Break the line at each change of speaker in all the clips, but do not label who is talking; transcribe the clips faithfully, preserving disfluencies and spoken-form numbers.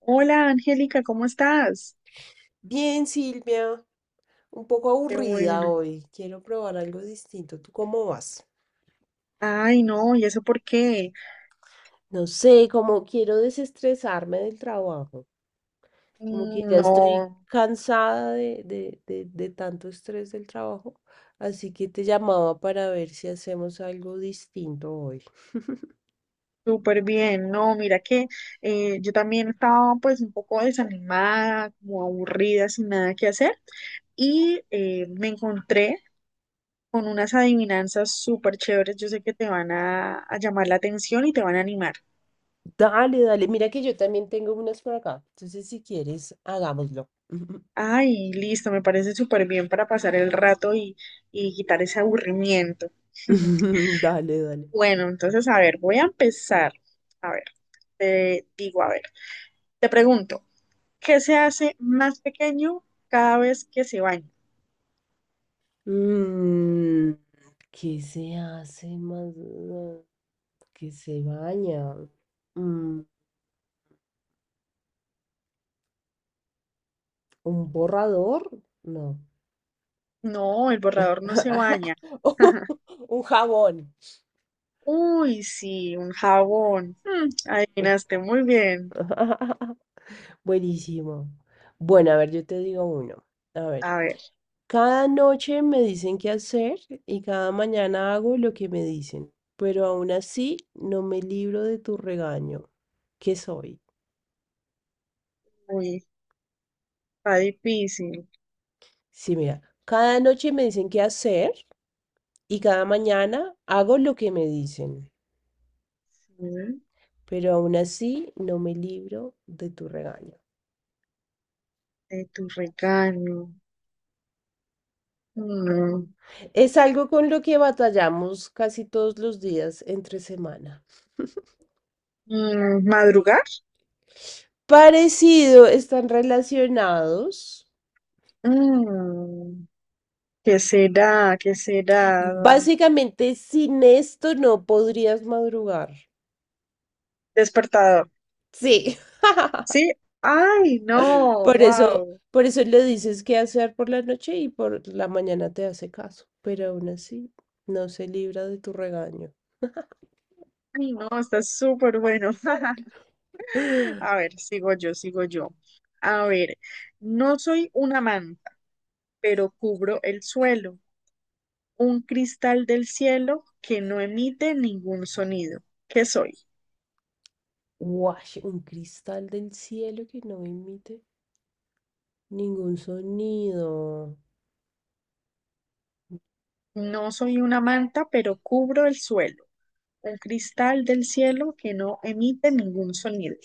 Hola, Angélica, ¿cómo estás?
Bien, Silvia, un poco
Qué
aburrida
bueno.
hoy. Quiero probar algo distinto. ¿Tú cómo vas?
Ay, no, ¿y eso por qué?
No sé, como quiero desestresarme del trabajo. Como que
Mm,
ya
no,
estoy cansada de, de, de, de tanto estrés del trabajo. Así que te llamaba para ver si hacemos algo distinto hoy.
súper bien. No, mira que eh, yo también estaba, pues, un poco desanimada, como aburrida, sin nada que hacer. Y eh, me encontré con unas adivinanzas súper chéveres. Yo sé que te van a, a llamar la atención y te van a animar.
Dale, dale. Mira que yo también tengo unas por acá. Entonces, si quieres, hagámoslo.
Ay, listo, me parece súper bien para pasar el rato y, y quitar ese aburrimiento.
Dale, dale.
Bueno, entonces, a ver, voy a empezar. A ver, te digo, a ver, te pregunto, ¿qué se hace más pequeño cada vez que se baña?
Mm, ¿qué se hace más? eh, ¿Qué se baña? Mm, ¿un borrador? No.
No, el borrador no se baña.
Un jabón.
Uy, sí, un jabón. Mm, adivinaste muy bien.
Buenísimo. Bueno, a ver, yo te digo uno. A ver,
A ver,
cada noche me dicen qué hacer y cada mañana hago lo que me dicen, pero aún así no me libro de tu regaño. ¿Qué soy?
uy, está difícil.
Sí, mira, cada noche me dicen qué hacer y cada mañana hago lo que me dicen,
Sí,
pero aún así no me libro de tu regaño.
de tu regalo. Mm,
Es algo con lo que batallamos casi todos los días entre semana.
mm, ¿madrugar?
Parecido, están relacionados.
Mm, ¿qué será? ¿Qué será?
Básicamente, sin esto no podrías madrugar.
Despertador.
Sí,
Sí, ay, no,
por eso,
wow.
por eso le dices qué hacer por la noche y por la mañana te hace caso, pero aún así no se libra de tu regaño.
Ay, no, está súper bueno.
Guash,
A ver, sigo yo, sigo yo. A ver, no soy una manta, pero cubro el suelo, un cristal del cielo que no emite ningún sonido. ¿Qué soy?
un cristal del cielo que no emite ningún sonido.
No soy una manta, pero cubro el suelo, un cristal del cielo que no emite ningún sonido.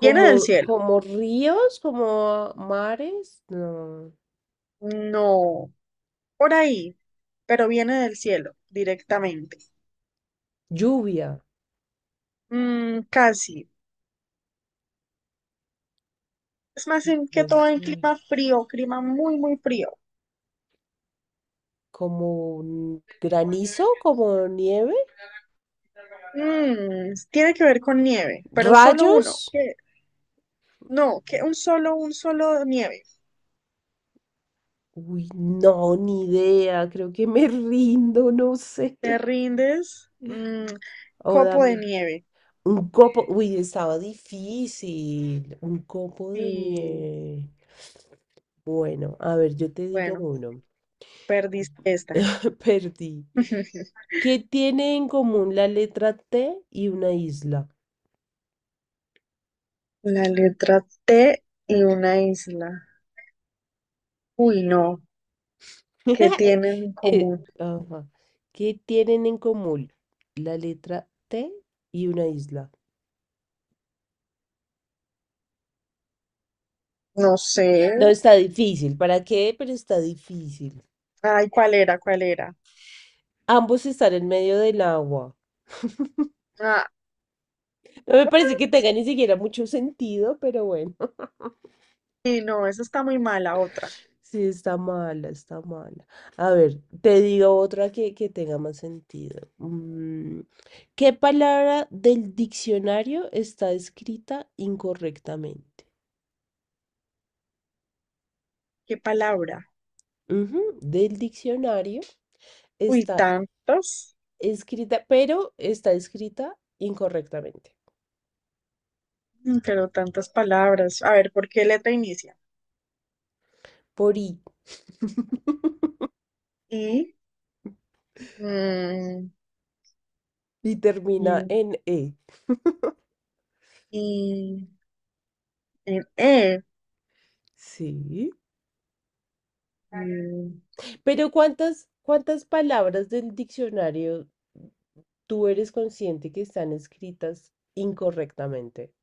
¿Viene del
Como,
cielo?
como ríos, como mares, no.
No. Por ahí, pero viene del cielo directamente.
Lluvia
Mm, casi. Es más en que
del
todo en
cielo.
clima frío, clima muy, muy frío.
Como un granizo, como nieve,
Mm, tiene que ver con nieve, pero solo
rayos.
uno. ¿Qué? No, que un solo, un solo nieve.
Uy, no, ni idea. Creo que me rindo, no sé.
Te rindes. Mm,
O
copo
dame.
de nieve.
Un copo, uy, estaba difícil. Un copo de
Sí,
nieve. Bueno, a ver, yo te digo
bueno,
uno.
perdiste esta.
Perdí. ¿Qué tiene en común la letra T y una isla?
La letra T y una isla. Uy, no, ¿qué tienen en
Eh,
común?
ajá. ¿Qué tienen en común la letra T y una isla?
No sé.
No, está difícil. ¿Para qué? Pero está difícil.
Ay, ¿cuál era? ¿Cuál era?
Ambos están en medio del agua.
Ah,
No me parece que tenga ni siquiera mucho sentido, pero bueno.
y no, esa está muy mala, otra.
Sí, está mala, está mala. A ver, te digo otra que, que tenga más sentido. Mm, ¿qué palabra del diccionario está escrita incorrectamente?
¿Qué palabra?
Ujú. Del diccionario
Uy,
está
tantas,
escrita, pero está escrita incorrectamente.
mm, pero tantas palabras. A ver, ¿por qué letra inicia?
Por I.
I, mm,
Y termina
y,
en E.
y, en E.
Sí.
Mm,
Pero ¿cuántas, cuántas palabras del diccionario tú eres consciente que están escritas incorrectamente?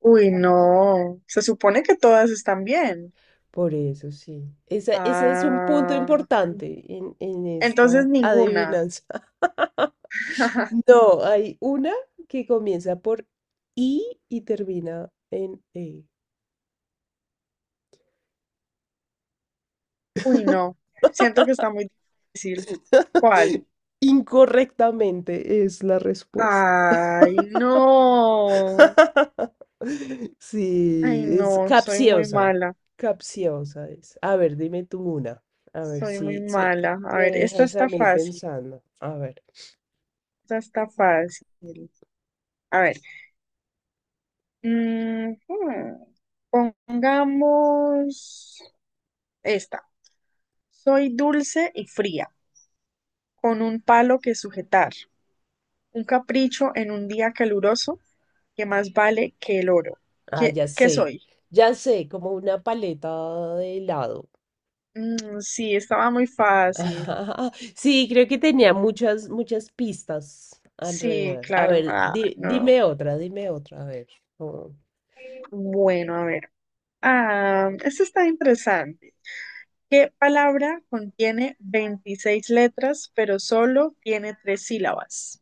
uy, no. Se supone que todas están bien.
Por eso sí. Esa, ese es un punto
Ah,
importante en, en
entonces
esta
ninguna.
adivinanza. No, hay una que comienza por I y termina en E.
Uy, no. Siento que está muy difícil. ¿Cuál?
Incorrectamente es la respuesta.
Ay, no. Ay,
Sí, es
no, soy muy
capciosa.
mala.
Capciosa es. A ver, dime tú una. A ver
Soy muy
si, si
mala. A
me
ver, esta
dejas a
está
mí
fácil.
pensando. A ver.
Esta está fácil. A ver. mm, hmm, Pongamos esta. Soy dulce y fría, con un palo que sujetar. Un capricho en un día caluroso que más vale que el oro.
Ah,
¿Qué,
ya
qué
sé.
soy?
Ya sé, como una paleta de helado.
Mm, sí, estaba muy fácil.
Sí, creo que tenía muchas, muchas pistas
Sí,
alrededor. A
claro.
ver,
Ah,
di-
no.
dime otra, dime otra. A ver. Oh,
Bueno, a ver. Ah, esto está interesante. ¿Qué palabra contiene veintiséis letras, pero solo tiene tres sílabas?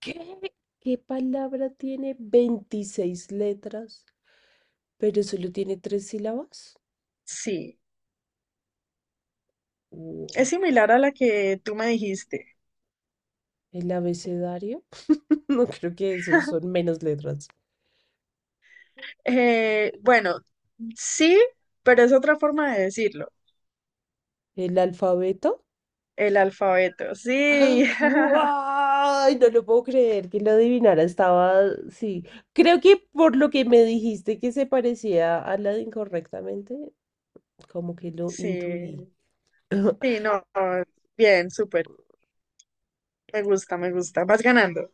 ¿qué? ¿Qué palabra tiene veintiséis letras, pero solo tiene tres sílabas?
Sí, es
Guau,
similar a la que tú me dijiste.
¿el abecedario? No creo que esos son menos letras.
Eh, bueno, sí, pero es otra forma de decirlo.
¿El alfabeto?
El alfabeto, sí.
¡Guau! No lo puedo creer que lo adivinara. Estaba, sí. Creo que por lo que me dijiste que se parecía a la de incorrectamente, como que lo
Sí,
intuí.
sí, no, no, bien, súper. Me gusta, me gusta. Vas ganando.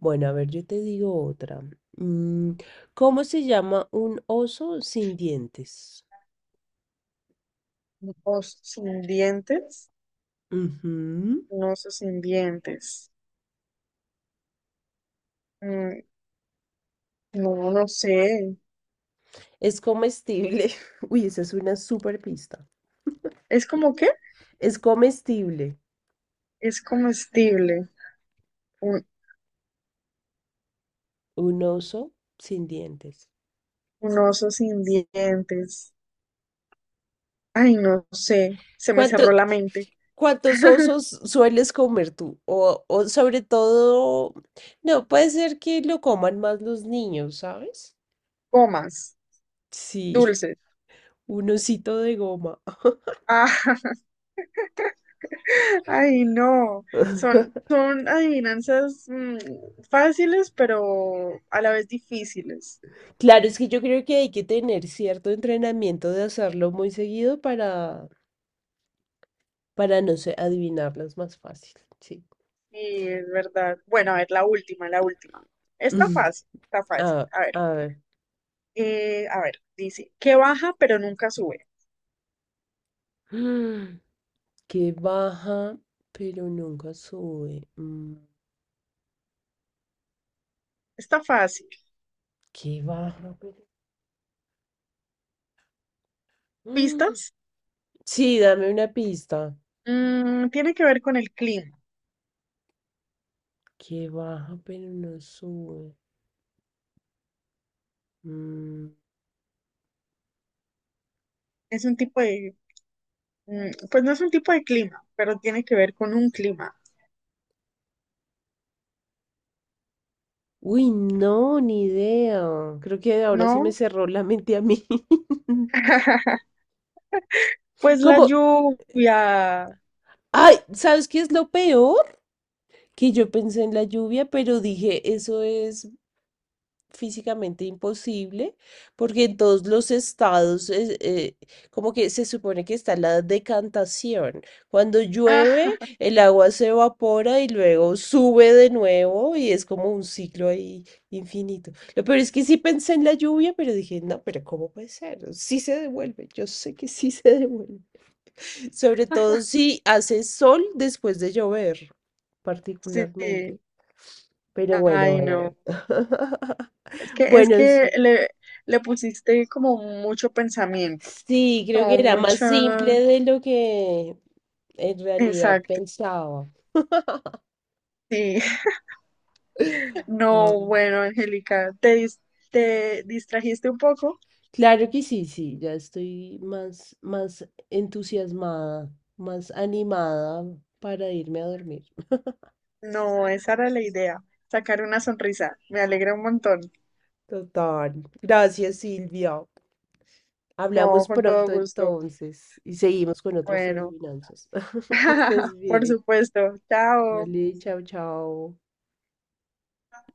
Bueno, a ver, yo te digo otra. Mm, ¿cómo se llama un oso sin dientes?
Ojos sin dientes.
Ujú.
Un sin dientes. Mm, no, no sé.
Es comestible. Uy, esa es una super pista.
¿Es como qué?
Es comestible.
Es comestible. Un,
Un oso sin dientes.
un oso sin dientes. Ay, no sé. Se me
¿Cuánto,
cerró la mente.
¿cuántos osos sueles comer tú? O, o sobre todo, no, puede ser que lo coman más los niños, ¿sabes?
Comas.
Sí,
Dulces.
un osito de goma.
Ah, ay, no. Son, son adivinanzas, mm, fáciles, pero a la vez difíciles.
Claro, es que yo creo que hay que tener cierto entrenamiento de hacerlo muy seguido para, para no sé, adivinarlas más fácil. Sí.
Sí, es verdad. Bueno, a ver, la última, la última. Está fácil, está fácil.
Ah,
A ver.
a ver.
Eh, a ver, dice, que baja pero nunca sube.
Que baja, pero nunca sube. Mm,
Está fácil.
que baja, pero... Mm,
¿Pistas?
sí, dame una pista.
Mm, tiene que ver con el clima.
Que baja, pero no sube. Mm,
Es un tipo de, mm, pues no es un tipo de clima, pero tiene que ver con un clima,
uy, no, ni idea. Creo que ahora se me
¿no?
cerró la mente a mí.
Pues la
Como,
lluvia. Ah,
ay, ¿sabes qué es lo peor? Que yo pensé en la lluvia, pero dije, eso es físicamente imposible, porque en todos los estados es, eh, como que se supone que está la decantación. Cuando llueve, el agua se evapora y luego sube de nuevo y es como un ciclo ahí infinito. Lo peor es que sí pensé en la lluvia, pero dije, no, pero ¿cómo puede ser? Sí se devuelve, yo sé que sí se devuelve. Sobre todo si hace sol después de llover,
sí.
particularmente. Pero bueno,
Ay, no.
bueno.
Es que, es
Bueno,
que le, le pusiste como mucho pensamiento,
sí, creo que
como
era más
mucha...
simple de lo que en realidad
Exacto.
pensaba.
Sí.
Ah,
No, bueno, Angélica, te, dis- te distrajiste un poco.
claro que sí, sí, ya estoy más, más entusiasmada, más animada para irme a dormir.
No, esa era la idea, sacar una sonrisa. Me alegra un montón.
Total. Gracias, Silvia.
No,
Hablamos
con todo
pronto
gusto.
entonces y seguimos con otros
Bueno,
adivinanzas. Que estés
por
bien.
supuesto. Chao.
Vale, chao, chao.